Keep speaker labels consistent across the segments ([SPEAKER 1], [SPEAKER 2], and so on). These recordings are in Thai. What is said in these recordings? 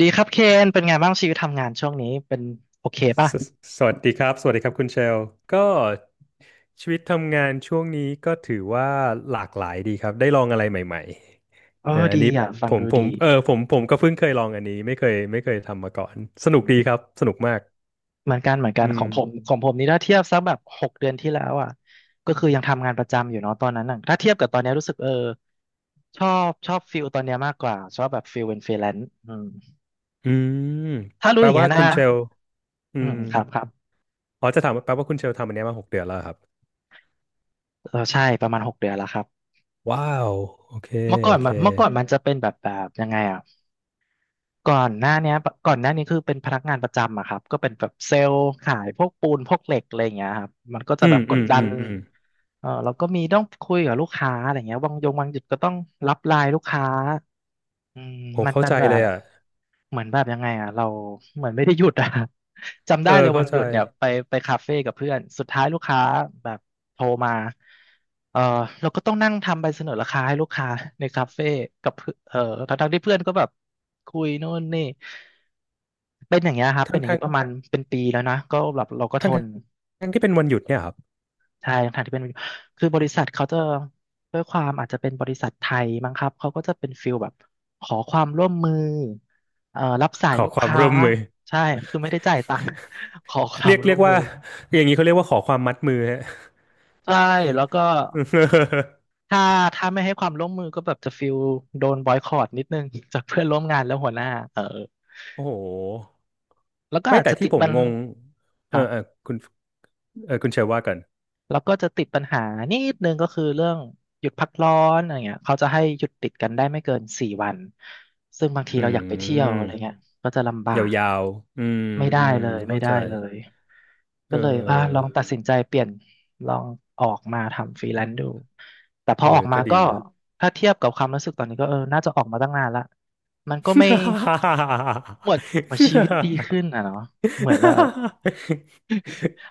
[SPEAKER 1] ดีครับเคนเป็นไงบ้างชีวิตทำงานช่วงนี้เป็นโอเคป่ะ
[SPEAKER 2] สสวัสดีครับสวัสดีครับคุณเชลก็ชีวิตทำงานช่วงนี้ก็ถือว่าหลากหลายดีครับได้ลองอะไรใหม่ๆอั
[SPEAKER 1] ดี
[SPEAKER 2] นนี้
[SPEAKER 1] อ่ะฟั
[SPEAKER 2] ผ
[SPEAKER 1] ง
[SPEAKER 2] ม
[SPEAKER 1] ดู
[SPEAKER 2] ผ
[SPEAKER 1] ดี
[SPEAKER 2] มเออผมผมก็เพิ่งเคยลองอันนี้ไม่เคยทำมาก่อนสนุกดีครับสนุกมาก
[SPEAKER 1] เหมือนกันเหมือนกั
[SPEAKER 2] อื
[SPEAKER 1] นข
[SPEAKER 2] ม
[SPEAKER 1] องผมของผมนี่ถ้าเทียบสักแบบหกเดือนที่แล้วอ่ะก็คือยังทำงานประจำอยู่เนาะตอนนั้นน่ะถ้าเทียบกับตอนนี้รู้สึกชอบชอบฟิลตอนเนี้ยมากกว่าชอบแบบฟิลเป็นฟรีแลนซ์อืม
[SPEAKER 2] อืม
[SPEAKER 1] ถ้ารู้
[SPEAKER 2] แปล
[SPEAKER 1] อย่างเงี้
[SPEAKER 2] ว่า
[SPEAKER 1] ย
[SPEAKER 2] คุ
[SPEAKER 1] นะ
[SPEAKER 2] ณเชลอื
[SPEAKER 1] อืม
[SPEAKER 2] ม
[SPEAKER 1] ครับครับ
[SPEAKER 2] อ๋อจะถามว่าแปลว่าคุณเชลทำอันเนี้ยมาหกเดือนแล้วเหรอครับ
[SPEAKER 1] ใช่ประมาณหกเดือนแล้วครับ
[SPEAKER 2] ว้าวโอเคโอเค
[SPEAKER 1] เมื่อก่อนมันจะเป็นแบบยังไงอ่ะ ก่อนหน้าเนี้ยก่อนหน้านี้คือเป็นพนักงานประจำอะครับก็เป็นแบบเซลล์ขายพวกปูนพวกเหล็กอะไรอย่างเงี้ยครับมันก็จะ
[SPEAKER 2] อื
[SPEAKER 1] แบ
[SPEAKER 2] ม
[SPEAKER 1] บกอื
[SPEAKER 2] อื
[SPEAKER 1] ด
[SPEAKER 2] ม
[SPEAKER 1] ดั
[SPEAKER 2] อื
[SPEAKER 1] น
[SPEAKER 2] มอืม
[SPEAKER 1] มเราก็มีต้องคุยกับลูกค้าอะไรเงี้ยบางยงบางจุดก็ต้องรับไลน์ลูกค้าอืม
[SPEAKER 2] ผม
[SPEAKER 1] มัน
[SPEAKER 2] เข้า
[SPEAKER 1] เป็น
[SPEAKER 2] ใจ
[SPEAKER 1] แบ
[SPEAKER 2] เล
[SPEAKER 1] บ
[SPEAKER 2] ยอ่ะ
[SPEAKER 1] เหมือนแบบยังไงอ่ะเราเหมือนไม่ได้หยุดอ่ะ จำ
[SPEAKER 2] เอ
[SPEAKER 1] ได้
[SPEAKER 2] อ
[SPEAKER 1] เลยวั
[SPEAKER 2] เข้า
[SPEAKER 1] นห
[SPEAKER 2] ใจ
[SPEAKER 1] ยุดเนี่ยไปคาเฟ่กับเพื่อนสุดท้ายลูกค้าแบบโทรมาเออเราก็ต้องนั่งทำใบเสนอราคาให้ลูกค้า ในคาเฟ่กับเพื่อนทั้งๆที่เพื่อนก็แบบคุยโน่นนี่เป็นอย่างเงี้ยครับเป็
[SPEAKER 2] ทั้
[SPEAKER 1] น
[SPEAKER 2] ง
[SPEAKER 1] อย่าง
[SPEAKER 2] ทั้
[SPEAKER 1] เงี้
[SPEAKER 2] ง
[SPEAKER 1] ยประมาณเป็นปีแล้วนะก็แบบเราก็ท
[SPEAKER 2] ทั้ง
[SPEAKER 1] น
[SPEAKER 2] ทั้งที่เป็นวันหยุดเนี่ยครับ
[SPEAKER 1] ใช่ทางที่เป็นคือบริษัทเขาจะด้วยความอาจจะเป็นบริษัทไทยมั้งครับเขาก็จะเป็นฟิลแบบขอความร่วมมือรับสา
[SPEAKER 2] ข
[SPEAKER 1] ย
[SPEAKER 2] อ
[SPEAKER 1] ลูก
[SPEAKER 2] ความ
[SPEAKER 1] ค้า
[SPEAKER 2] ร่วมมือ
[SPEAKER 1] ใช่คือไม่ได้จ่ายตังค์ ขอควา
[SPEAKER 2] เรี
[SPEAKER 1] ม
[SPEAKER 2] ยก
[SPEAKER 1] ร่
[SPEAKER 2] เรี
[SPEAKER 1] ว
[SPEAKER 2] ย
[SPEAKER 1] ม
[SPEAKER 2] ก
[SPEAKER 1] มื
[SPEAKER 2] ว่า
[SPEAKER 1] อ
[SPEAKER 2] อย่างนี้เขาเรียกว่าขอความมัดมือฮะ
[SPEAKER 1] ใช่แล้วก็ ถ้าถ้าไม่ให้ความร่วมมือก็แบบจะฟิลโดนบอยคอตนิดนึงจากเพื่อนร่วมงานและหัวหน้าเออ
[SPEAKER 2] โอ้โห
[SPEAKER 1] แล้วก็
[SPEAKER 2] ไม่
[SPEAKER 1] อาจ
[SPEAKER 2] แต่
[SPEAKER 1] จะ
[SPEAKER 2] ที่
[SPEAKER 1] ติด
[SPEAKER 2] ผม
[SPEAKER 1] บัน
[SPEAKER 2] งง
[SPEAKER 1] ค
[SPEAKER 2] เออ
[SPEAKER 1] รับ
[SPEAKER 2] เออคุณคุณเชยว่ากัน
[SPEAKER 1] แล้วก็จะติดปัญหานิดนึงก็คือเรื่องหยุดพักร้อนอะไรเงี้ยเขาจะให้หยุดติดกันได้ไม่เกินสี่วันซึ่งบางที
[SPEAKER 2] อื
[SPEAKER 1] เราอยากไปเที่ยวอะ
[SPEAKER 2] ม
[SPEAKER 1] ไรเงี้ยก็จะลำบา
[SPEAKER 2] ย
[SPEAKER 1] ก
[SPEAKER 2] าวๆอืม
[SPEAKER 1] ไม่ได้
[SPEAKER 2] อืม
[SPEAKER 1] เลยไม่
[SPEAKER 2] เข้า
[SPEAKER 1] ได้
[SPEAKER 2] ใจ
[SPEAKER 1] เลย
[SPEAKER 2] เ
[SPEAKER 1] ก็เลยอ่ะลอ
[SPEAKER 2] ออ
[SPEAKER 1] งตัดสินใจเปลี่ยนลองออกมาทำฟรีแลนซ์ดูแต่พอ
[SPEAKER 2] เออ
[SPEAKER 1] ออกมา
[SPEAKER 2] ก็ดี
[SPEAKER 1] ก็
[SPEAKER 2] นะ
[SPEAKER 1] ถ้าเทียบกับความรู้สึกตอนนี้ก็น่าจะออกมาตั้งนานละมันก็ไม่หมวดหมืชีวิตดีขึ้นอ่ะ เนาะเหมือนว่า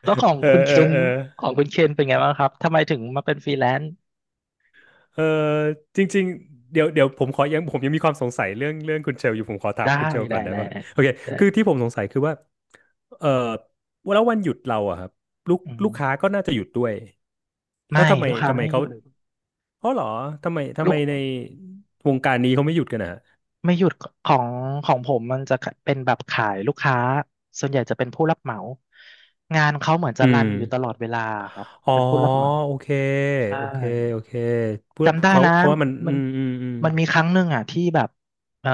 [SPEAKER 1] แล้ว
[SPEAKER 2] เออเออเออ
[SPEAKER 1] ของคุณเคนเป็นไงบ้างครับ ทำไมถึงมาเป็นฟรีแลนซ์
[SPEAKER 2] เออจริงๆเดี๋ยวเดี๋ยวผมขอยังผมยังมีความสงสัยเรื่องเรื่องคุณเชลอยู่ผมขอถาม
[SPEAKER 1] ได้
[SPEAKER 2] คุณเชลก่
[SPEAKER 1] ได้
[SPEAKER 2] อนได้
[SPEAKER 1] ได้
[SPEAKER 2] ปะ
[SPEAKER 1] ได้
[SPEAKER 2] โอเค
[SPEAKER 1] แต่
[SPEAKER 2] คือที่ผมสงสัยคือว่าเออแล้ววันหยุดเราอะครับ
[SPEAKER 1] อื
[SPEAKER 2] ลูกค้า
[SPEAKER 1] ม
[SPEAKER 2] ก็น่าจะหยุดด้วย
[SPEAKER 1] ไม่
[SPEAKER 2] แล้วทำไม
[SPEAKER 1] ลูกค้า
[SPEAKER 2] ทำไม
[SPEAKER 1] ไม่ห
[SPEAKER 2] เขา
[SPEAKER 1] ยุด
[SPEAKER 2] อ๋อเหรอทำไมทำ
[SPEAKER 1] ลู
[SPEAKER 2] ไม
[SPEAKER 1] ก
[SPEAKER 2] ในวงการนี้เขาไม่หยุดกันอะ
[SPEAKER 1] ไม่หยุดของของผมมันจะเป็นแบบขายลูกค้าส่วนใหญ่จะเป็นผู้รับเหมางานเขาเหมือนจะ
[SPEAKER 2] อื
[SPEAKER 1] รัน
[SPEAKER 2] ม
[SPEAKER 1] อยู่ตลอดเวลาครับ
[SPEAKER 2] อ๋อ
[SPEAKER 1] เป็นผู้รับเหมา
[SPEAKER 2] โอเค
[SPEAKER 1] ใช่
[SPEAKER 2] โอเคโอเคเพื่อ
[SPEAKER 1] จำได้
[SPEAKER 2] เขา
[SPEAKER 1] นะ
[SPEAKER 2] เพราะว่ามัน
[SPEAKER 1] มั
[SPEAKER 2] อื
[SPEAKER 1] น
[SPEAKER 2] มอืม
[SPEAKER 1] มันมีครั้งหนึ่งอ่ะที่แบบเอ่อ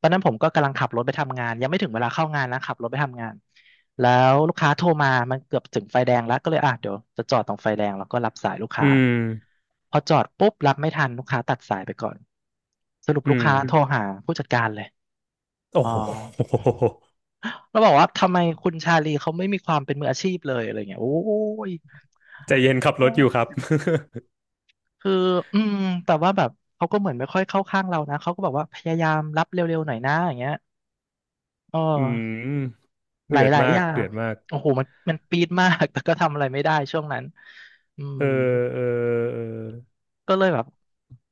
[SPEAKER 1] ตอนนั้นผมก็กำลังขับรถไปทำงานยังไม่ถึงเวลาเข้างานนะขับรถไปทำงานแล้วลูกค้าโทรมามันเกือบถึงไฟแดงแล้วก็เลยอ่ะเดี๋ยวจะจอดตรงไฟแดงแล้วก็รับสายลูก
[SPEAKER 2] อื
[SPEAKER 1] ค้า
[SPEAKER 2] ม
[SPEAKER 1] พอจอดปุ๊บรับไม่ทันลูกค้าตัดสายไปก่อนสรุป
[SPEAKER 2] อื
[SPEAKER 1] ลูก
[SPEAKER 2] มอืม
[SPEAKER 1] ค้าอืโทมรมหาผู้จัดการเลย
[SPEAKER 2] โอ้
[SPEAKER 1] อ๋อ
[SPEAKER 2] โห
[SPEAKER 1] เราบอกว่าทำไมคุณชาลีเขาไม่มีความเป็นมืออาชีพเลยอะไรเงี้ยโอ้ย
[SPEAKER 2] ใจเย็นขับรถอยู่ครับ
[SPEAKER 1] คืออืมแต่ว่าแบบเขาก็เหมือนไม่ค่อยเข้าข้างเรานะเขาก็บอกว่าพยายามรับเร็วๆหน่อยนะอย่างเงี้ยเอ
[SPEAKER 2] อื
[SPEAKER 1] อ
[SPEAKER 2] ม
[SPEAKER 1] ห
[SPEAKER 2] เดือด
[SPEAKER 1] ลาย
[SPEAKER 2] มา
[SPEAKER 1] ๆอ
[SPEAKER 2] ก
[SPEAKER 1] ย่า
[SPEAKER 2] เดื
[SPEAKER 1] ง
[SPEAKER 2] อดมาก
[SPEAKER 1] โอ้โห มันมันปี๊ดมาก แต่ก็ทำอะไรไม่ได้ช่วงนั้นอื
[SPEAKER 2] เอ
[SPEAKER 1] ม
[SPEAKER 2] อเออเออ
[SPEAKER 1] ก็เลยแบบ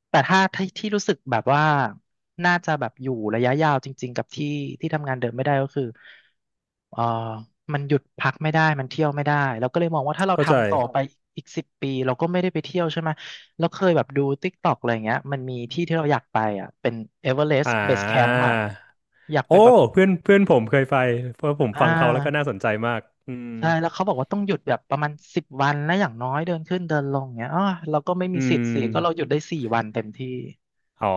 [SPEAKER 1] แต่ถ้าที่ที่รู้สึกแบบว่าน่าจะแบบอยู่ระยะยาวจริงๆกับที่ที่ทำงานเดิมไม่ได้ก็คือ เอ่อมันหยุดพักไม่ได้มันเที่ยวไม่ได้เราก็เลยมองว่าถ้าเรา
[SPEAKER 2] เข้าใจ
[SPEAKER 1] ทำต่อรไปอีก10 ปีเราก็ไม่ได้ไปเที่ยวใช่ไหมแล้วเคยแบบดู TikTokอะไรเงี้ยมันมีที่ที่เราอยากไปอ่ะเป็นเอเวอเรส
[SPEAKER 2] อ่
[SPEAKER 1] ต์เบสแคมป์
[SPEAKER 2] า
[SPEAKER 1] อ่ะอยากไป
[SPEAKER 2] โอ้
[SPEAKER 1] แบบ
[SPEAKER 2] เพื่อนเพื่อนผมเคยไปเพราะผม
[SPEAKER 1] อ่
[SPEAKER 2] ฟังเขาแล้วก็น่า
[SPEAKER 1] า
[SPEAKER 2] สนใจมากอืม
[SPEAKER 1] ใช่แล้วเขาบอกว่าต้องหยุดแบบประมาณ10 วันนะอย่างน้อยเดินขึ้นเดินลงเงี้ยอ๋อเราก็ไม่มี
[SPEAKER 2] อื
[SPEAKER 1] สิทธิ์
[SPEAKER 2] ม
[SPEAKER 1] สิก็เราหยุดได้สี่วันเต็มที่
[SPEAKER 2] อ๋อ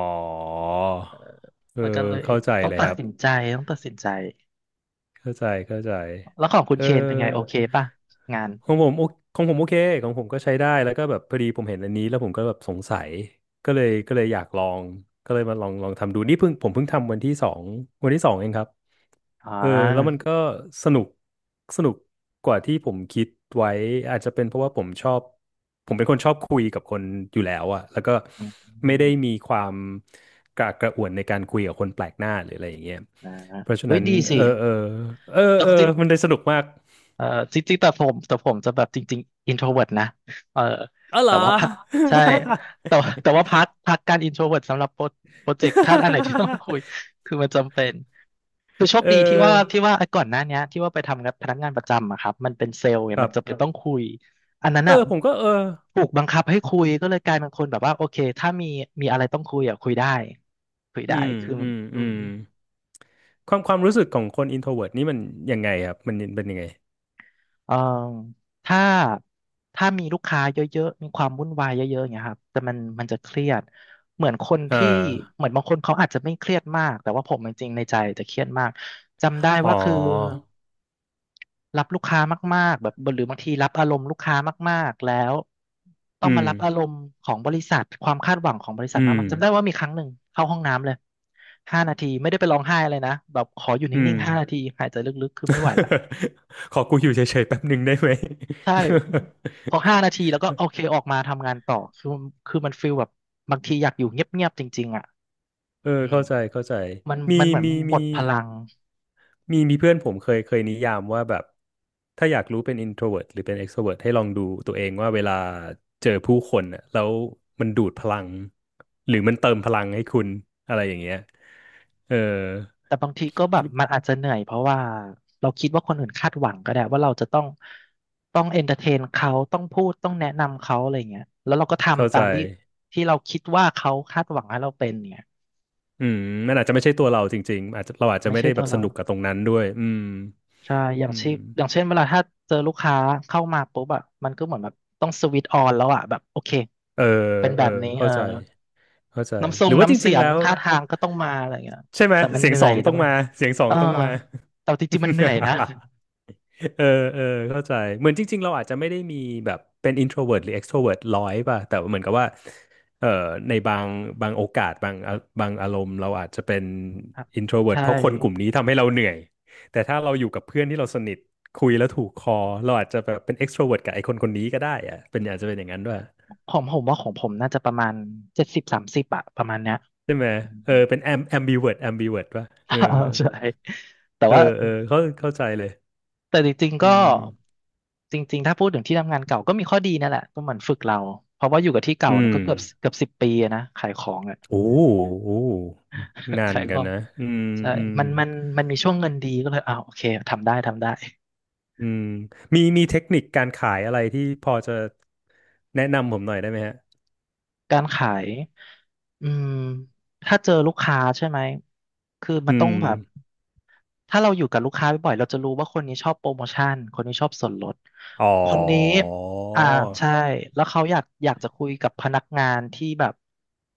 [SPEAKER 2] เอ
[SPEAKER 1] แล้วก็
[SPEAKER 2] อ
[SPEAKER 1] เลย
[SPEAKER 2] เข้าใจ
[SPEAKER 1] ต้อง
[SPEAKER 2] เลย
[SPEAKER 1] ตั
[SPEAKER 2] ค
[SPEAKER 1] ด
[SPEAKER 2] รับ
[SPEAKER 1] สินใจต้องตัดสินใจ
[SPEAKER 2] เข้าใจเข้าใจ
[SPEAKER 1] แล้วของคุณ
[SPEAKER 2] เอ
[SPEAKER 1] เคนเป็นไงโอ
[SPEAKER 2] อ
[SPEAKER 1] เคป่ะงาน
[SPEAKER 2] ของผมโอของผมโอเคของผมก็ใช้ได้แล้วก็แบบพอดีผมเห็นอันนี้แล้วผมก็แบบสงสัยก็เลยอยากลองก็เลยมาลองทำดูนี่เพิ่งผมเพิ่งทำวันที่สองวันที่สองเองครับ
[SPEAKER 1] อ่า
[SPEAKER 2] เออแล้วมันก็สนุกสนุกกว่าที่ผมคิดไว้อาจจะเป็นเพราะว่าผมชอบผมเป็นคนชอบคุยกับคนอยู่แล้วอะแล้วก็ไม่ได้มีความกระอักกระอ่วนในการคุยกับคนแปลกหน้าหรืออะไรอย่างเงี้ย
[SPEAKER 1] อ่า
[SPEAKER 2] เพราะฉะ
[SPEAKER 1] เฮ้ย
[SPEAKER 2] นั้น
[SPEAKER 1] ดีสิ
[SPEAKER 2] เออเออเออ
[SPEAKER 1] ต้อ
[SPEAKER 2] เอ
[SPEAKER 1] ง
[SPEAKER 2] อ
[SPEAKER 1] จริง
[SPEAKER 2] มันได้สนุกมาก
[SPEAKER 1] เอ่อจริงๆแต่ผมจะแบบจริงๆ introvert นะเออ
[SPEAKER 2] อ๋อเหร
[SPEAKER 1] แต่
[SPEAKER 2] อ
[SPEAKER 1] ว่าพักใช่แต่ว่าพักการ introvert สำหรับโปรเจกต์ถ้าอันไหนที่ต้อง คุยคือมันจำเป็นคือโช
[SPEAKER 2] เอ
[SPEAKER 1] คดีที่ว่า
[SPEAKER 2] อ
[SPEAKER 1] ที่ว่าไอ้ก่อนหน้าเนี้ยที่ว่าไปทำงานพนักงานประจำอะครับมันเป็นเซลล์ไง
[SPEAKER 2] ครั
[SPEAKER 1] มัน
[SPEAKER 2] บ
[SPEAKER 1] จะเป็นต้องคุยอันนั้น
[SPEAKER 2] เออ
[SPEAKER 1] อ่ะ
[SPEAKER 2] ผมก็เออ
[SPEAKER 1] ถูกบังคับให้คุยก็เลยกลายเป็นคนแบบว่าโอเคถ้ามีอะไรต้องคุยอะคุยได้คุย
[SPEAKER 2] อื
[SPEAKER 1] ได้
[SPEAKER 2] ม
[SPEAKER 1] คือ
[SPEAKER 2] อืม
[SPEAKER 1] อื
[SPEAKER 2] อื
[SPEAKER 1] ม
[SPEAKER 2] มความความรู้สึกของคน introvert นี่มันยังไงครับมันเป็นยังไง
[SPEAKER 1] เอ่อถ้าถ้ามีลูกค้าเยอะๆมีความวุ่นวายเยอะๆอย่างเงี้ยครับแต่มันจะเครียดเหมือนคน
[SPEAKER 2] เอ่า
[SPEAKER 1] ที่เหมือนบางคนเขาอาจจะไม่เครียดมาก แต่ว่าผมจริงๆในใจจะเครียดมาก จำได้
[SPEAKER 2] ห
[SPEAKER 1] ว่าคือ
[SPEAKER 2] อ
[SPEAKER 1] รับลูกค้ามากๆแบบหรือบางทีรับอารมณ์ลูกค้ามากๆ แล้วต้อ
[SPEAKER 2] อื
[SPEAKER 1] งมา
[SPEAKER 2] ม
[SPEAKER 1] รับอารมณ์ของบริษัทความคาดหวังของบริษัท
[SPEAKER 2] อื
[SPEAKER 1] มา
[SPEAKER 2] ม
[SPEAKER 1] กๆจำได้ว่ามีครั้งหนึ่งเข้าห้องน้ำเลยห้านาทีไม่ได้ไปร้องไห้อะไรนะแบบขออยู่
[SPEAKER 2] อื
[SPEAKER 1] นิ่
[SPEAKER 2] ม
[SPEAKER 1] งๆห้านาทีหายใจลึกๆคือไม่ไหวละ
[SPEAKER 2] ขอกูอยู่เฉยๆแป๊บหนึ่งได้ไหม
[SPEAKER 1] ใช่ พอห้านาทีแล้วก็โอเคออกมาทำงานต่อคือคือมันฟีลแบบบางทีอยากอยู่เงียบๆจริงๆอ่ะ
[SPEAKER 2] เออ
[SPEAKER 1] อืม
[SPEAKER 2] เข้าใจ เข้าใจ
[SPEAKER 1] มัน
[SPEAKER 2] มี
[SPEAKER 1] มันเหมือน
[SPEAKER 2] มี
[SPEAKER 1] หม
[SPEAKER 2] มี
[SPEAKER 1] ดพลัง
[SPEAKER 2] เพื่อนผมเคยนิยามว่าแบบ ถ้าอยากรู้เป็น introvert หรือเป็น extrovert ให้ลองดูตัวเองว่าเวลาเจอผู้คนน่ะแล้วมันดูดพลัง หรือมันเติมพลังให้คุณ อะไรอย่างเงี้ยเออ
[SPEAKER 1] แต่บางทีก็แบบมันอาจจะเหนื่อยเพราะว่าเราคิดว่าคนอื่นคาดหวังก็ได้ว่าเราจะต้องเอนเตอร์เทนเขาต้องพูดต้องแนะนำเขาอะไรเงี้ยแล้วเราก็
[SPEAKER 2] เข้า
[SPEAKER 1] ทำตา
[SPEAKER 2] ใจ
[SPEAKER 1] มที่ที่เราคิดว่าเขาคาดหวังให้เราเป็นเนี่ย
[SPEAKER 2] อืมมันอาจจะไม่ใช่ตัวเราจริงๆอาจจะเราอาจจะ
[SPEAKER 1] ไม่
[SPEAKER 2] ไม่
[SPEAKER 1] ใช่
[SPEAKER 2] ได้แบ
[SPEAKER 1] ตัว
[SPEAKER 2] บส
[SPEAKER 1] เรา
[SPEAKER 2] นุกกับตรงนั้นด้วยอืม
[SPEAKER 1] ใช่อย่าง
[SPEAKER 2] อื
[SPEAKER 1] เช่
[SPEAKER 2] ม
[SPEAKER 1] นอย่างเช่นเวลาถ้าเจอลูกค้าเข้ามาปุ๊บอะมันก็เหมือนแบบต้องสวิตช์ออนแล้วอะแบบโอเค
[SPEAKER 2] เออ
[SPEAKER 1] เป็นแบ
[SPEAKER 2] เออ
[SPEAKER 1] บนี้เอ
[SPEAKER 2] เข้า
[SPEAKER 1] อ
[SPEAKER 2] ใจเข้าใจ
[SPEAKER 1] น้ำทร
[SPEAKER 2] หรื
[SPEAKER 1] ง
[SPEAKER 2] อว่าจ
[SPEAKER 1] น้ำเสี
[SPEAKER 2] ริงๆ
[SPEAKER 1] ยง
[SPEAKER 2] แล้ว
[SPEAKER 1] ท่าทางก็ต้องมาอะไรเงี้ย
[SPEAKER 2] ใช่ไหม
[SPEAKER 1] แต่มัน
[SPEAKER 2] เสีย
[SPEAKER 1] เห
[SPEAKER 2] ง
[SPEAKER 1] นื่
[SPEAKER 2] ส
[SPEAKER 1] อ
[SPEAKER 2] อ
[SPEAKER 1] ย
[SPEAKER 2] ง
[SPEAKER 1] แต่
[SPEAKER 2] ต้อง
[SPEAKER 1] มัน
[SPEAKER 2] มาเสียงสอ
[SPEAKER 1] เอ
[SPEAKER 2] ง
[SPEAKER 1] อ
[SPEAKER 2] ต้องมา
[SPEAKER 1] แต่จริงๆมันเหนื่อยนะ
[SPEAKER 2] เออเออเข้าใจเหมือนจริงๆเราอาจจะไม่ได้มีแบบเป็น introvert หรือ extrovert ร้อยป่ะแต่ว่าเหมือนกับว่าเออในบางโอกาสบางบางอารมณ์เราอาจจะเป็น
[SPEAKER 1] ครับ
[SPEAKER 2] introvert
[SPEAKER 1] ใช่
[SPEAKER 2] เพราะคนกลุ่มนี้ทำให้เราเหนื่อยแต่ถ้าเราอยู่กับเพื่อนที่เราสนิทคุยแล้วถูกคอเราอาจจะแบบเป็น extrovert กับไอ้คนคนนี้ก็ได้อะเป็นอาจจะเป็นอย่างนั้นด้วย
[SPEAKER 1] ผมว่าของผมน่าจะประมาณ70-30อะประมาณเนี้ย
[SPEAKER 2] ใช่ไหม
[SPEAKER 1] อืม
[SPEAKER 2] เออเป็น ambivert ambivert ป่ะ
[SPEAKER 1] เอ
[SPEAKER 2] เออ
[SPEAKER 1] อใช่แต่
[SPEAKER 2] เออ
[SPEAKER 1] ว่า
[SPEAKER 2] เออเข้าใจเลย
[SPEAKER 1] แต่จริงๆ
[SPEAKER 2] อื
[SPEAKER 1] ก็
[SPEAKER 2] ม
[SPEAKER 1] จริงๆถ้าพูดถึงที่ทำงานเก่าก็มีข้อดีนั่นแหละก็เหมือนฝึกเราเพราะว่าอยู่กับที่เก่า
[SPEAKER 2] อื
[SPEAKER 1] นะ
[SPEAKER 2] ม
[SPEAKER 1] ก็เกือบ10 ปีอะนะขายของอ่ะ
[SPEAKER 2] โอ้โอ้ นาน
[SPEAKER 1] ขายข
[SPEAKER 2] กัน
[SPEAKER 1] อง
[SPEAKER 2] นะอืม
[SPEAKER 1] ใช่
[SPEAKER 2] อืม
[SPEAKER 1] มันมีช่วงเงินดีก็เลยอ้าวโอเคทำได้ทำได้
[SPEAKER 2] อืมมีเทคนิคการขายอะไรที่พอจะแนะนำผมหน่อยได้ไหมฮะ
[SPEAKER 1] การขายอืมถ้าเจอลูกค้าใช่ไหมคือมั
[SPEAKER 2] อื
[SPEAKER 1] นต้องแบบ
[SPEAKER 2] ม
[SPEAKER 1] ถ้าเราอยู่กับลูกค้าบ่อยๆเราจะรู้ว่าคนนี้ชอบโปรโมชั่นคนนี้ชอบส่วนลด
[SPEAKER 2] อ๋อ
[SPEAKER 1] คนนี้อ่าใช่แล้วเขาอยากจะคุยกับพนักงานที่แบบ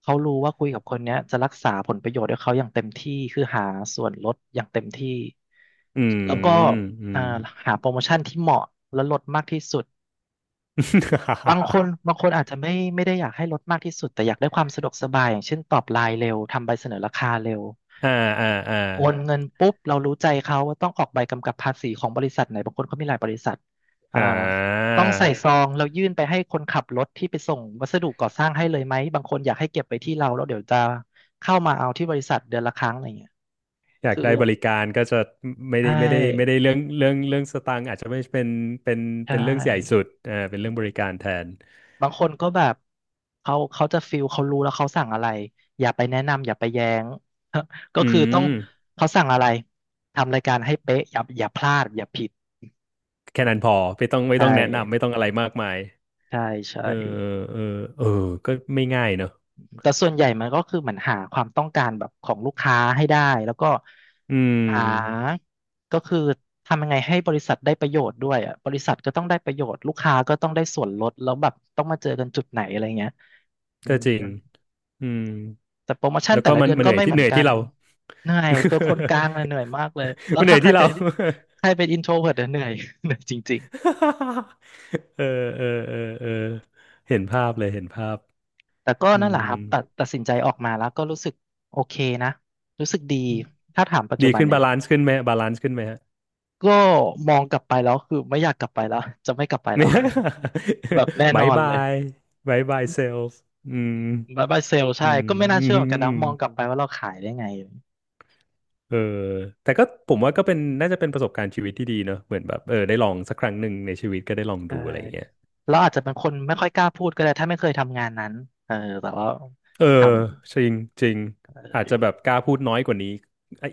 [SPEAKER 1] เขารู้ว่าคุยกับคนเนี้ยจะรักษาผลประโยชน์ให้เขาอย่างเต็มที่คือหาส่วนลดอย่างเต็มที่
[SPEAKER 2] อื
[SPEAKER 1] อแล้วก็
[SPEAKER 2] ม
[SPEAKER 1] อ
[SPEAKER 2] อื
[SPEAKER 1] อ่า
[SPEAKER 2] ม
[SPEAKER 1] หาโปรโมชั่นที่เหมาะและลดมากที่สุดบางค นบางคนอาจจะไม่ได้อยากให้ลดมากที่สุดแต่อยากได้ความสะดวกสบายอย่างเช่นตอบไลน์เร็วทำใบเสนอราคาเร็ว
[SPEAKER 2] อ่าอ่าอ่า
[SPEAKER 1] โอนเงินปุ๊บเรารู้ใจเขาว่าต้องออกใบกำกับภาษีของบริษัทไหนบางคนเขามีหลายบริษัทอ่า
[SPEAKER 2] อ่า
[SPEAKER 1] ต้องใส่ซองเรายื่นไปให้คนขับรถที่ไปส่งวัสดุก่อสร้างให้เลยไหมบางคนอยากให้เก็บไว้ที่เราแล้วเดี๋ยวจะเข้ามาเอาที่บริษัทเดือนละครั้งอะไรเงี้ย
[SPEAKER 2] อยาก
[SPEAKER 1] คือ
[SPEAKER 2] ได้บริการก็จะไม่
[SPEAKER 1] ใช่
[SPEAKER 2] ได้ไม่ได้ไม่ได้เรื่องสตางค์อาจจะไม่เป็นเป็น
[SPEAKER 1] ใช
[SPEAKER 2] เรื่องใหญ่สุ
[SPEAKER 1] ่
[SPEAKER 2] ดอ่าเป็นเรื่องบริการแทน
[SPEAKER 1] บางคนก็แบบเขาจะฟิลเขารู้แล้วเขาสั่งอะไรอย่าไปแนะนำอย่าไปแย้ง ก็
[SPEAKER 2] อื
[SPEAKER 1] คือต้อง
[SPEAKER 2] ม
[SPEAKER 1] เขาสั่งอะไรทำรายการให้เป๊ะอย่าพลาดอย่าผิด
[SPEAKER 2] แค่นั้นพอไม่ต้องไม่
[SPEAKER 1] ใช่
[SPEAKER 2] ต้องแนะนำไม่ต้องอะไรมากมาย
[SPEAKER 1] ใช่ใช่
[SPEAKER 2] เออเออเออก็ไม่ง่ายเนอะ
[SPEAKER 1] แต่ส่วนใหญ่มันก็คือเหมือนหาความต้องการแบบของลูกค้าให้ได้แล้วก็
[SPEAKER 2] อื
[SPEAKER 1] ห
[SPEAKER 2] ม
[SPEAKER 1] าก็คือทำยังไงให้บริษัทได้ประโยชน์ด้วยอ่ะบริษัทก็ต้องได้ประโยชน์ลูกค้าก็ต้องได้ส่วนลดแล้วแบบต้องมาเจอกันจุดไหนอะไรเงี้ยอื
[SPEAKER 2] ก็จ
[SPEAKER 1] ม
[SPEAKER 2] ริงอืม
[SPEAKER 1] แต่โปรโมชั่น
[SPEAKER 2] แล้ว
[SPEAKER 1] แต่
[SPEAKER 2] ก็
[SPEAKER 1] ละ
[SPEAKER 2] มั
[SPEAKER 1] เดื
[SPEAKER 2] น
[SPEAKER 1] อน
[SPEAKER 2] มันเห
[SPEAKER 1] ก็
[SPEAKER 2] นื่อย
[SPEAKER 1] ไม่
[SPEAKER 2] ที่
[SPEAKER 1] เหมื
[SPEAKER 2] เห
[SPEAKER 1] อน
[SPEAKER 2] นื่อย
[SPEAKER 1] กั
[SPEAKER 2] ที่
[SPEAKER 1] น
[SPEAKER 2] เรา
[SPEAKER 1] เหนื่อยเป็นคนกลางเลยเหนื่อยมากเลยแล้ ว
[SPEAKER 2] มันเหนื่
[SPEAKER 1] ถ้า
[SPEAKER 2] อย
[SPEAKER 1] ใคร
[SPEAKER 2] ที่เรา
[SPEAKER 1] เป็นใครเป็นอินโทรเวิร์ตเหนื่อยเหนื่อยจริง
[SPEAKER 2] เออเออเออเออเห็นภาพเลยเห็นภาพ
[SPEAKER 1] ๆแต่ก็
[SPEAKER 2] อื
[SPEAKER 1] นั่นแห
[SPEAKER 2] ม
[SPEAKER 1] ละครับตัดสินใจออกมาแล้วก็รู้สึกโอเคนะรู้สึกดีถ้าถามปัจจุ
[SPEAKER 2] ดี
[SPEAKER 1] บัน
[SPEAKER 2] ขึ้น
[SPEAKER 1] เนี่
[SPEAKER 2] บา
[SPEAKER 1] ย
[SPEAKER 2] ลานซ์ขึ้นไหมบาลานซ์ขึ้นไหมฮะ
[SPEAKER 1] ก็มองกลับไปแล้วคือไม่อยากกลับไปแล้วจะไม่กลับไปแล้
[SPEAKER 2] ไม่
[SPEAKER 1] ว แบบแน่ น
[SPEAKER 2] บา
[SPEAKER 1] อ
[SPEAKER 2] ย
[SPEAKER 1] น
[SPEAKER 2] บา
[SPEAKER 1] เลย
[SPEAKER 2] ยบายบายเซลล์อืม
[SPEAKER 1] บายบายเซลใช่
[SPEAKER 2] อืม
[SPEAKER 1] ก็ไม่ น่า
[SPEAKER 2] อื
[SPEAKER 1] เชื่อเหมือนกัน
[SPEAKER 2] ม
[SPEAKER 1] นะมองกลับไปว่าเราขายได้ไง
[SPEAKER 2] เออแต่ก็ผมว่าก็เป็นน่าจะเป็นประสบการณ์ชีวิตที่ดีเนอะเหมือนแบบเออได้ลองสักครั้งหนึ่งในชีวิตก็ได้ลอง
[SPEAKER 1] เออ
[SPEAKER 2] ดูอะไรอย่างเงี้ย
[SPEAKER 1] เราอาจจะเป็นคนไม่ค่อยกล้าพูดก็ได้ถ้าไม่เคยทำงานนั้นเออแต่ว่า
[SPEAKER 2] เออ
[SPEAKER 1] ท
[SPEAKER 2] จริงจริงอาจจะแบบกล้าพูดน้อยกว่านี้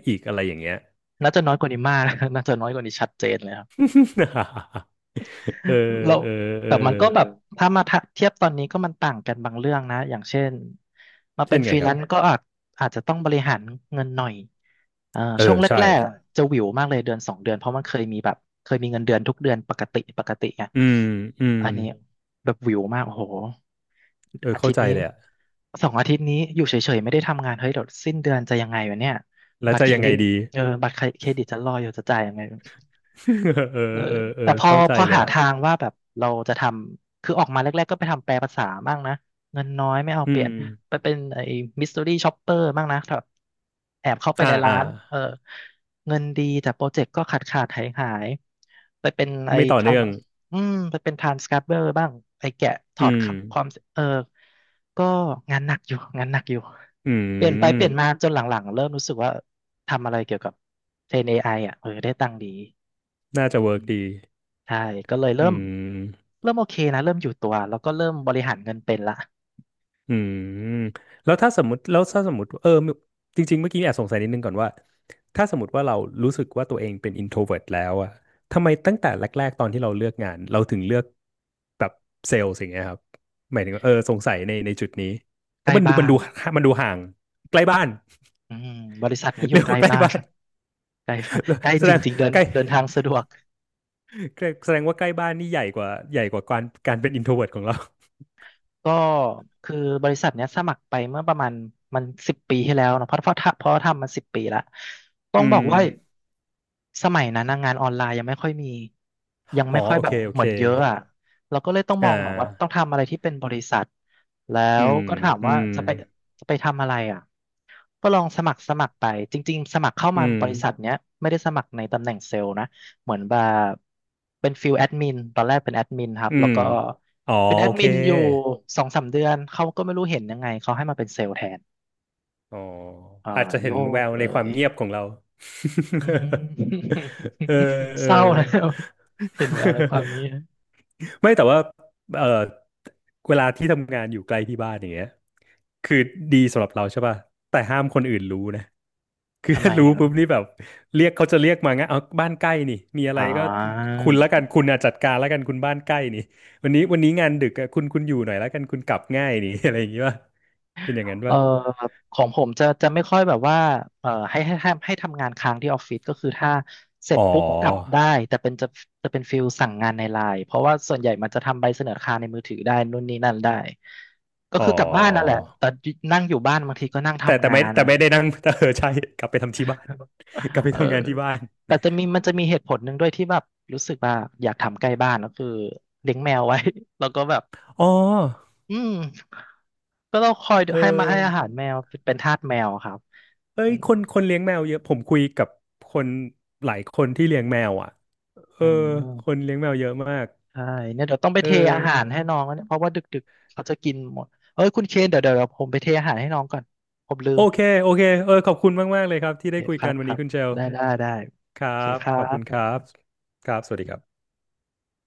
[SPEAKER 2] อีกอะไรอย่างเงี้ย
[SPEAKER 1] ำน่าจะน้อยกว่านี้มาก น่าจะน้อยกว่านี้ชัดเจนเลยครับ
[SPEAKER 2] เออ
[SPEAKER 1] เรา
[SPEAKER 2] เออเออ
[SPEAKER 1] แต่มันก็แบบถ้ามาทะเทียบตอนนี้ก็มันต่างกันบางเรื่องนะอย่างเช่นมา
[SPEAKER 2] เช่
[SPEAKER 1] เป็
[SPEAKER 2] น
[SPEAKER 1] นฟ
[SPEAKER 2] ไง
[SPEAKER 1] รี
[SPEAKER 2] ค
[SPEAKER 1] แล
[SPEAKER 2] รับ
[SPEAKER 1] นซ์ก็อาจจะต้องบริหารเงินหน่อย
[SPEAKER 2] เอ
[SPEAKER 1] ช่ว
[SPEAKER 2] อ
[SPEAKER 1] ง
[SPEAKER 2] ใช่
[SPEAKER 1] แรกๆอะจะหวิวมากเลยเดือนสองเดือนเพราะมันเคยมีแบบเคยมีเงินเดือนทุกเดือนปกติไง
[SPEAKER 2] อืมอืม
[SPEAKER 1] อันนี้แบบหวิวมากโอ้โห
[SPEAKER 2] เออ
[SPEAKER 1] อา
[SPEAKER 2] เข้า
[SPEAKER 1] ทิต
[SPEAKER 2] ใจ
[SPEAKER 1] ย์นี้
[SPEAKER 2] เลยอะ
[SPEAKER 1] สองอาทิตย์นี้อยู่เฉยๆไม่ได้ทำงานเฮ้ยเดี๋ยวสิ้นเดือนจะยังไงวะเนี่ย
[SPEAKER 2] แล้ว
[SPEAKER 1] บัตร
[SPEAKER 2] จะ
[SPEAKER 1] เคร
[SPEAKER 2] ยังไง
[SPEAKER 1] ดิต
[SPEAKER 2] ดี
[SPEAKER 1] บัตรเครดิตจะรออยู่จะจ่ายยังไง
[SPEAKER 2] เออเออ
[SPEAKER 1] เออ
[SPEAKER 2] เออ
[SPEAKER 1] แต่พอ
[SPEAKER 2] เข้าใจ
[SPEAKER 1] พอ
[SPEAKER 2] เลย
[SPEAKER 1] หา
[SPEAKER 2] อะ
[SPEAKER 1] ทางว่าแบบเราจะทำคือออกมาแรกๆก็ไปทำแปลภาษาบ้างนะเงินน้อยไม่เอาเป
[SPEAKER 2] อื
[SPEAKER 1] ลี่
[SPEAKER 2] ม
[SPEAKER 1] ยนไปเป็นไอ้มิส t ต r y ี่ช็อปเปอร์บ้างนะแบบแอบเข้าไป
[SPEAKER 2] อ่า
[SPEAKER 1] ในร้า
[SPEAKER 2] อ่า
[SPEAKER 1] นเออเงินดีแต่โปรเจกต์ก็ขาดขาดหายหายๆไปเป็นไอ้
[SPEAKER 2] ไม่ต่อ
[SPEAKER 1] ทราน
[SPEAKER 2] เนื่อง
[SPEAKER 1] อืมไปเป็นทรานสคริปเบอร์บ้างไอ้แกะถ
[SPEAKER 2] อื
[SPEAKER 1] อด
[SPEAKER 2] ม
[SPEAKER 1] ความเออก็งานหนักอยู่
[SPEAKER 2] อื
[SPEAKER 1] เปลี่ยนไปเป
[SPEAKER 2] ม
[SPEAKER 1] ลี่ยนมาจนหลังๆเริ่มรู้สึกว่าทำอะไรเกี่ยวกับเทรน AI อไออ่ะเออได้ตังค์ดี
[SPEAKER 2] น่าจะเวิร์กดี
[SPEAKER 1] ใช่ก็เลย
[SPEAKER 2] อื
[SPEAKER 1] เริ่ม
[SPEAKER 2] ม
[SPEAKER 1] เริ่มโอเคนะ เริ่มอยู่ตัว แล้วก็เริ่มบริหารเงินเป็นละ
[SPEAKER 2] อืมแล้วถ้าสมมติแล้วถ้าสมมติเออจริงๆเมื่อกี้แอบสงสัยนิดนึงก่อนว่าถ้าสมมติว่าเรารู้สึกว่าตัวเองเป็น introvert แล้วอะทำไมตั้งแต่แรกๆตอนที่เราเลือกงานเราถึงเลือกแบบเซลล์สิ่างเงี้ยครับหมายถึงว่าเออสงสัยในจุดนี้เพ
[SPEAKER 1] ใก
[SPEAKER 2] ราะ
[SPEAKER 1] ล้บ้าน
[SPEAKER 2] มันดูห่างใกล้บ้าน
[SPEAKER 1] อืมบริษัทนี้ อ
[SPEAKER 2] เรี
[SPEAKER 1] ยู่
[SPEAKER 2] ยก
[SPEAKER 1] ใกล้
[SPEAKER 2] ว่าใกล้
[SPEAKER 1] บ้าน
[SPEAKER 2] บ้าน
[SPEAKER 1] ใกล้บ้านใกล้
[SPEAKER 2] แส
[SPEAKER 1] จ
[SPEAKER 2] ดง
[SPEAKER 1] ริงๆเดิน
[SPEAKER 2] ใกล้
[SPEAKER 1] เดินทางสะดวก
[SPEAKER 2] แสดงว่าใกล้บ้านนี่ใหญ่กว่าการเป็น introvert ของเรา
[SPEAKER 1] ก็คือบริษัทเนี้ยสมัครไปเมื่อประมาณมันสิบปีที่แล้วเนอะเพราะเพราะทำเพราะทำมันสิบปีละต้ อ
[SPEAKER 2] อื
[SPEAKER 1] งบอก
[SPEAKER 2] ม
[SPEAKER 1] ว่าสมัยนั้นนะงานออนไลน์ยังไม่ค่อยมียัง
[SPEAKER 2] อ๋อ
[SPEAKER 1] ไม่ค่อย
[SPEAKER 2] โอ
[SPEAKER 1] แบ
[SPEAKER 2] เค
[SPEAKER 1] บ
[SPEAKER 2] โอ
[SPEAKER 1] เหมื
[SPEAKER 2] เค
[SPEAKER 1] อนเยอะอ่ะเราก็เลยต้องม
[SPEAKER 2] อ่
[SPEAKER 1] องแบบว่าต้อง
[SPEAKER 2] า
[SPEAKER 1] ทำอะไรที่เป็นบริษัทแล้
[SPEAKER 2] อื
[SPEAKER 1] ว
[SPEAKER 2] ม
[SPEAKER 1] ก็ถาม
[SPEAKER 2] อื
[SPEAKER 1] ว่า
[SPEAKER 2] ม
[SPEAKER 1] จะไปทำอะไรอ่ะก็ลองสมัครไปจริงๆสมัครเข้า
[SPEAKER 2] อื
[SPEAKER 1] มา
[SPEAKER 2] ม
[SPEAKER 1] บริษัทเนี้ยไม่ได้สมัครในตำแหน่งเซลล์นะเหมือนแบบเป็นฟิลแอดมินตอนแรกเป็นแอดมินครับ
[SPEAKER 2] อื
[SPEAKER 1] แล้ว
[SPEAKER 2] ม
[SPEAKER 1] ก็
[SPEAKER 2] อ๋อ
[SPEAKER 1] เป็นแอ
[SPEAKER 2] โอ
[SPEAKER 1] ด
[SPEAKER 2] เค
[SPEAKER 1] มินอยู่สองสามเดือนเขาก็ไม่รู้เห็นยังไงเขาให้มาเป็นเซลล์แทน
[SPEAKER 2] อ๋อ
[SPEAKER 1] อ่า
[SPEAKER 2] อาจจะเห็
[SPEAKER 1] โย
[SPEAKER 2] นแว
[SPEAKER 1] ก
[SPEAKER 2] ว
[SPEAKER 1] เล
[SPEAKER 2] ในความ
[SPEAKER 1] ย
[SPEAKER 2] เงียบของเรา
[SPEAKER 1] อืม
[SPEAKER 2] เออเอ อ
[SPEAKER 1] เศร้าแล้วเห็นแววในความเงี้ ย
[SPEAKER 2] ไม่แต่ว่าเออเวลาที่ทำงานอยู่ใกล้ที่บ้านอย่างเงี้ยคือดีสำหรับเราใช่ป่ะแต่ห้ามคนอื่นรู้นะ คือ
[SPEAKER 1] ทำไม
[SPEAKER 2] ถ้ารู้
[SPEAKER 1] ครั
[SPEAKER 2] ปุ๊บนี่
[SPEAKER 1] บ
[SPEAKER 2] แบบเรียกเขาจะเรียกมางั้นเอาบ้านใกล้นี่มีอะไร
[SPEAKER 1] อ่
[SPEAKER 2] ก็คุณละกั
[SPEAKER 1] า
[SPEAKER 2] นคุณอ่ะจัดการละกันคุณบ้านใกล้นี่วันนี้งานดึกอะคุณอยู่หน่อยละกันคุณกลับง่ายนี่ อะไรอย่างงี้ป่ะเป็นอย่างนั้น
[SPEAKER 1] เอ่อ
[SPEAKER 2] ป่ะ
[SPEAKER 1] ของผมจะจะไม่ค่อยแบบว่าให้ทำงานค้างที่ออฟฟิศก็คือถ้าเสร็
[SPEAKER 2] อ๋
[SPEAKER 1] จ
[SPEAKER 2] อ
[SPEAKER 1] ปุ๊บกลับได้แต่เป็นจะเป็นฟิลสั่งงานในไลน์เพราะว่าส่วนใหญ่มันจะทำใบเสนอราในมือถือได้นู่นนี่นั่นได้ก็
[SPEAKER 2] อ๋อ
[SPEAKER 1] คือกลับบ้านนั่นแหละแต่นั่งอยู่บ้านบางทีก็นั่ง
[SPEAKER 2] แต่
[SPEAKER 1] ทำ
[SPEAKER 2] แต่
[SPEAKER 1] งา
[SPEAKER 2] ไม่
[SPEAKER 1] น
[SPEAKER 2] แต่
[SPEAKER 1] นั่น
[SPEAKER 2] ไม่
[SPEAKER 1] แหละ
[SPEAKER 2] ได้นั่ง แต่เออใช่กลับไปทำที่บ้าน กลับไป
[SPEAKER 1] เออ
[SPEAKER 2] ทำงานที่บ้าน
[SPEAKER 1] แต่จะมีมันจะมีเหตุผลหนึ่งด้วยที่แบบรู้สึกว่าอยากทำใกล้บ้านก็คือเลี้ยงแมวไว้ แล้วก็แบบ
[SPEAKER 2] อ๋อ
[SPEAKER 1] อืมก็ต้องคอย
[SPEAKER 2] เอ
[SPEAKER 1] ให้มาให้อา
[SPEAKER 2] อ
[SPEAKER 1] หารแมวเป็นทาสแมวครับ
[SPEAKER 2] เอ้
[SPEAKER 1] อื
[SPEAKER 2] ย
[SPEAKER 1] ม
[SPEAKER 2] คนเลี้ยงแมวเยอะผมคุยกับคนหลายคนที่เลี้ยงแมวอ่ะเออ
[SPEAKER 1] อื
[SPEAKER 2] คน
[SPEAKER 1] ม
[SPEAKER 2] เลี้ยงแมวเยอะมาก
[SPEAKER 1] ใช่เนี่ยเดี๋ยวต้องไป
[SPEAKER 2] เออ
[SPEAKER 1] เทอาหารให้น้องแล้วเนี่ยเพราะว่าดึกๆเขาจะกินหมดเอ้ยคุณเคนเดี๋ยวผมไปเทอาหารให้น้องก่อนผมลื
[SPEAKER 2] โอ
[SPEAKER 1] ม
[SPEAKER 2] เคโอเคเออขอบคุณมากๆเลยครับ
[SPEAKER 1] โอ
[SPEAKER 2] ที่
[SPEAKER 1] เค
[SPEAKER 2] ได้คุย
[SPEAKER 1] ครั
[SPEAKER 2] กั
[SPEAKER 1] บ
[SPEAKER 2] นวั
[SPEAKER 1] ค
[SPEAKER 2] น
[SPEAKER 1] รั
[SPEAKER 2] นี้
[SPEAKER 1] บ
[SPEAKER 2] คุณเชล
[SPEAKER 1] ได้
[SPEAKER 2] ครั
[SPEAKER 1] โอเค
[SPEAKER 2] บ
[SPEAKER 1] ครั
[SPEAKER 2] ขอบคุณค
[SPEAKER 1] บ
[SPEAKER 2] รับครับสวัสดีครับ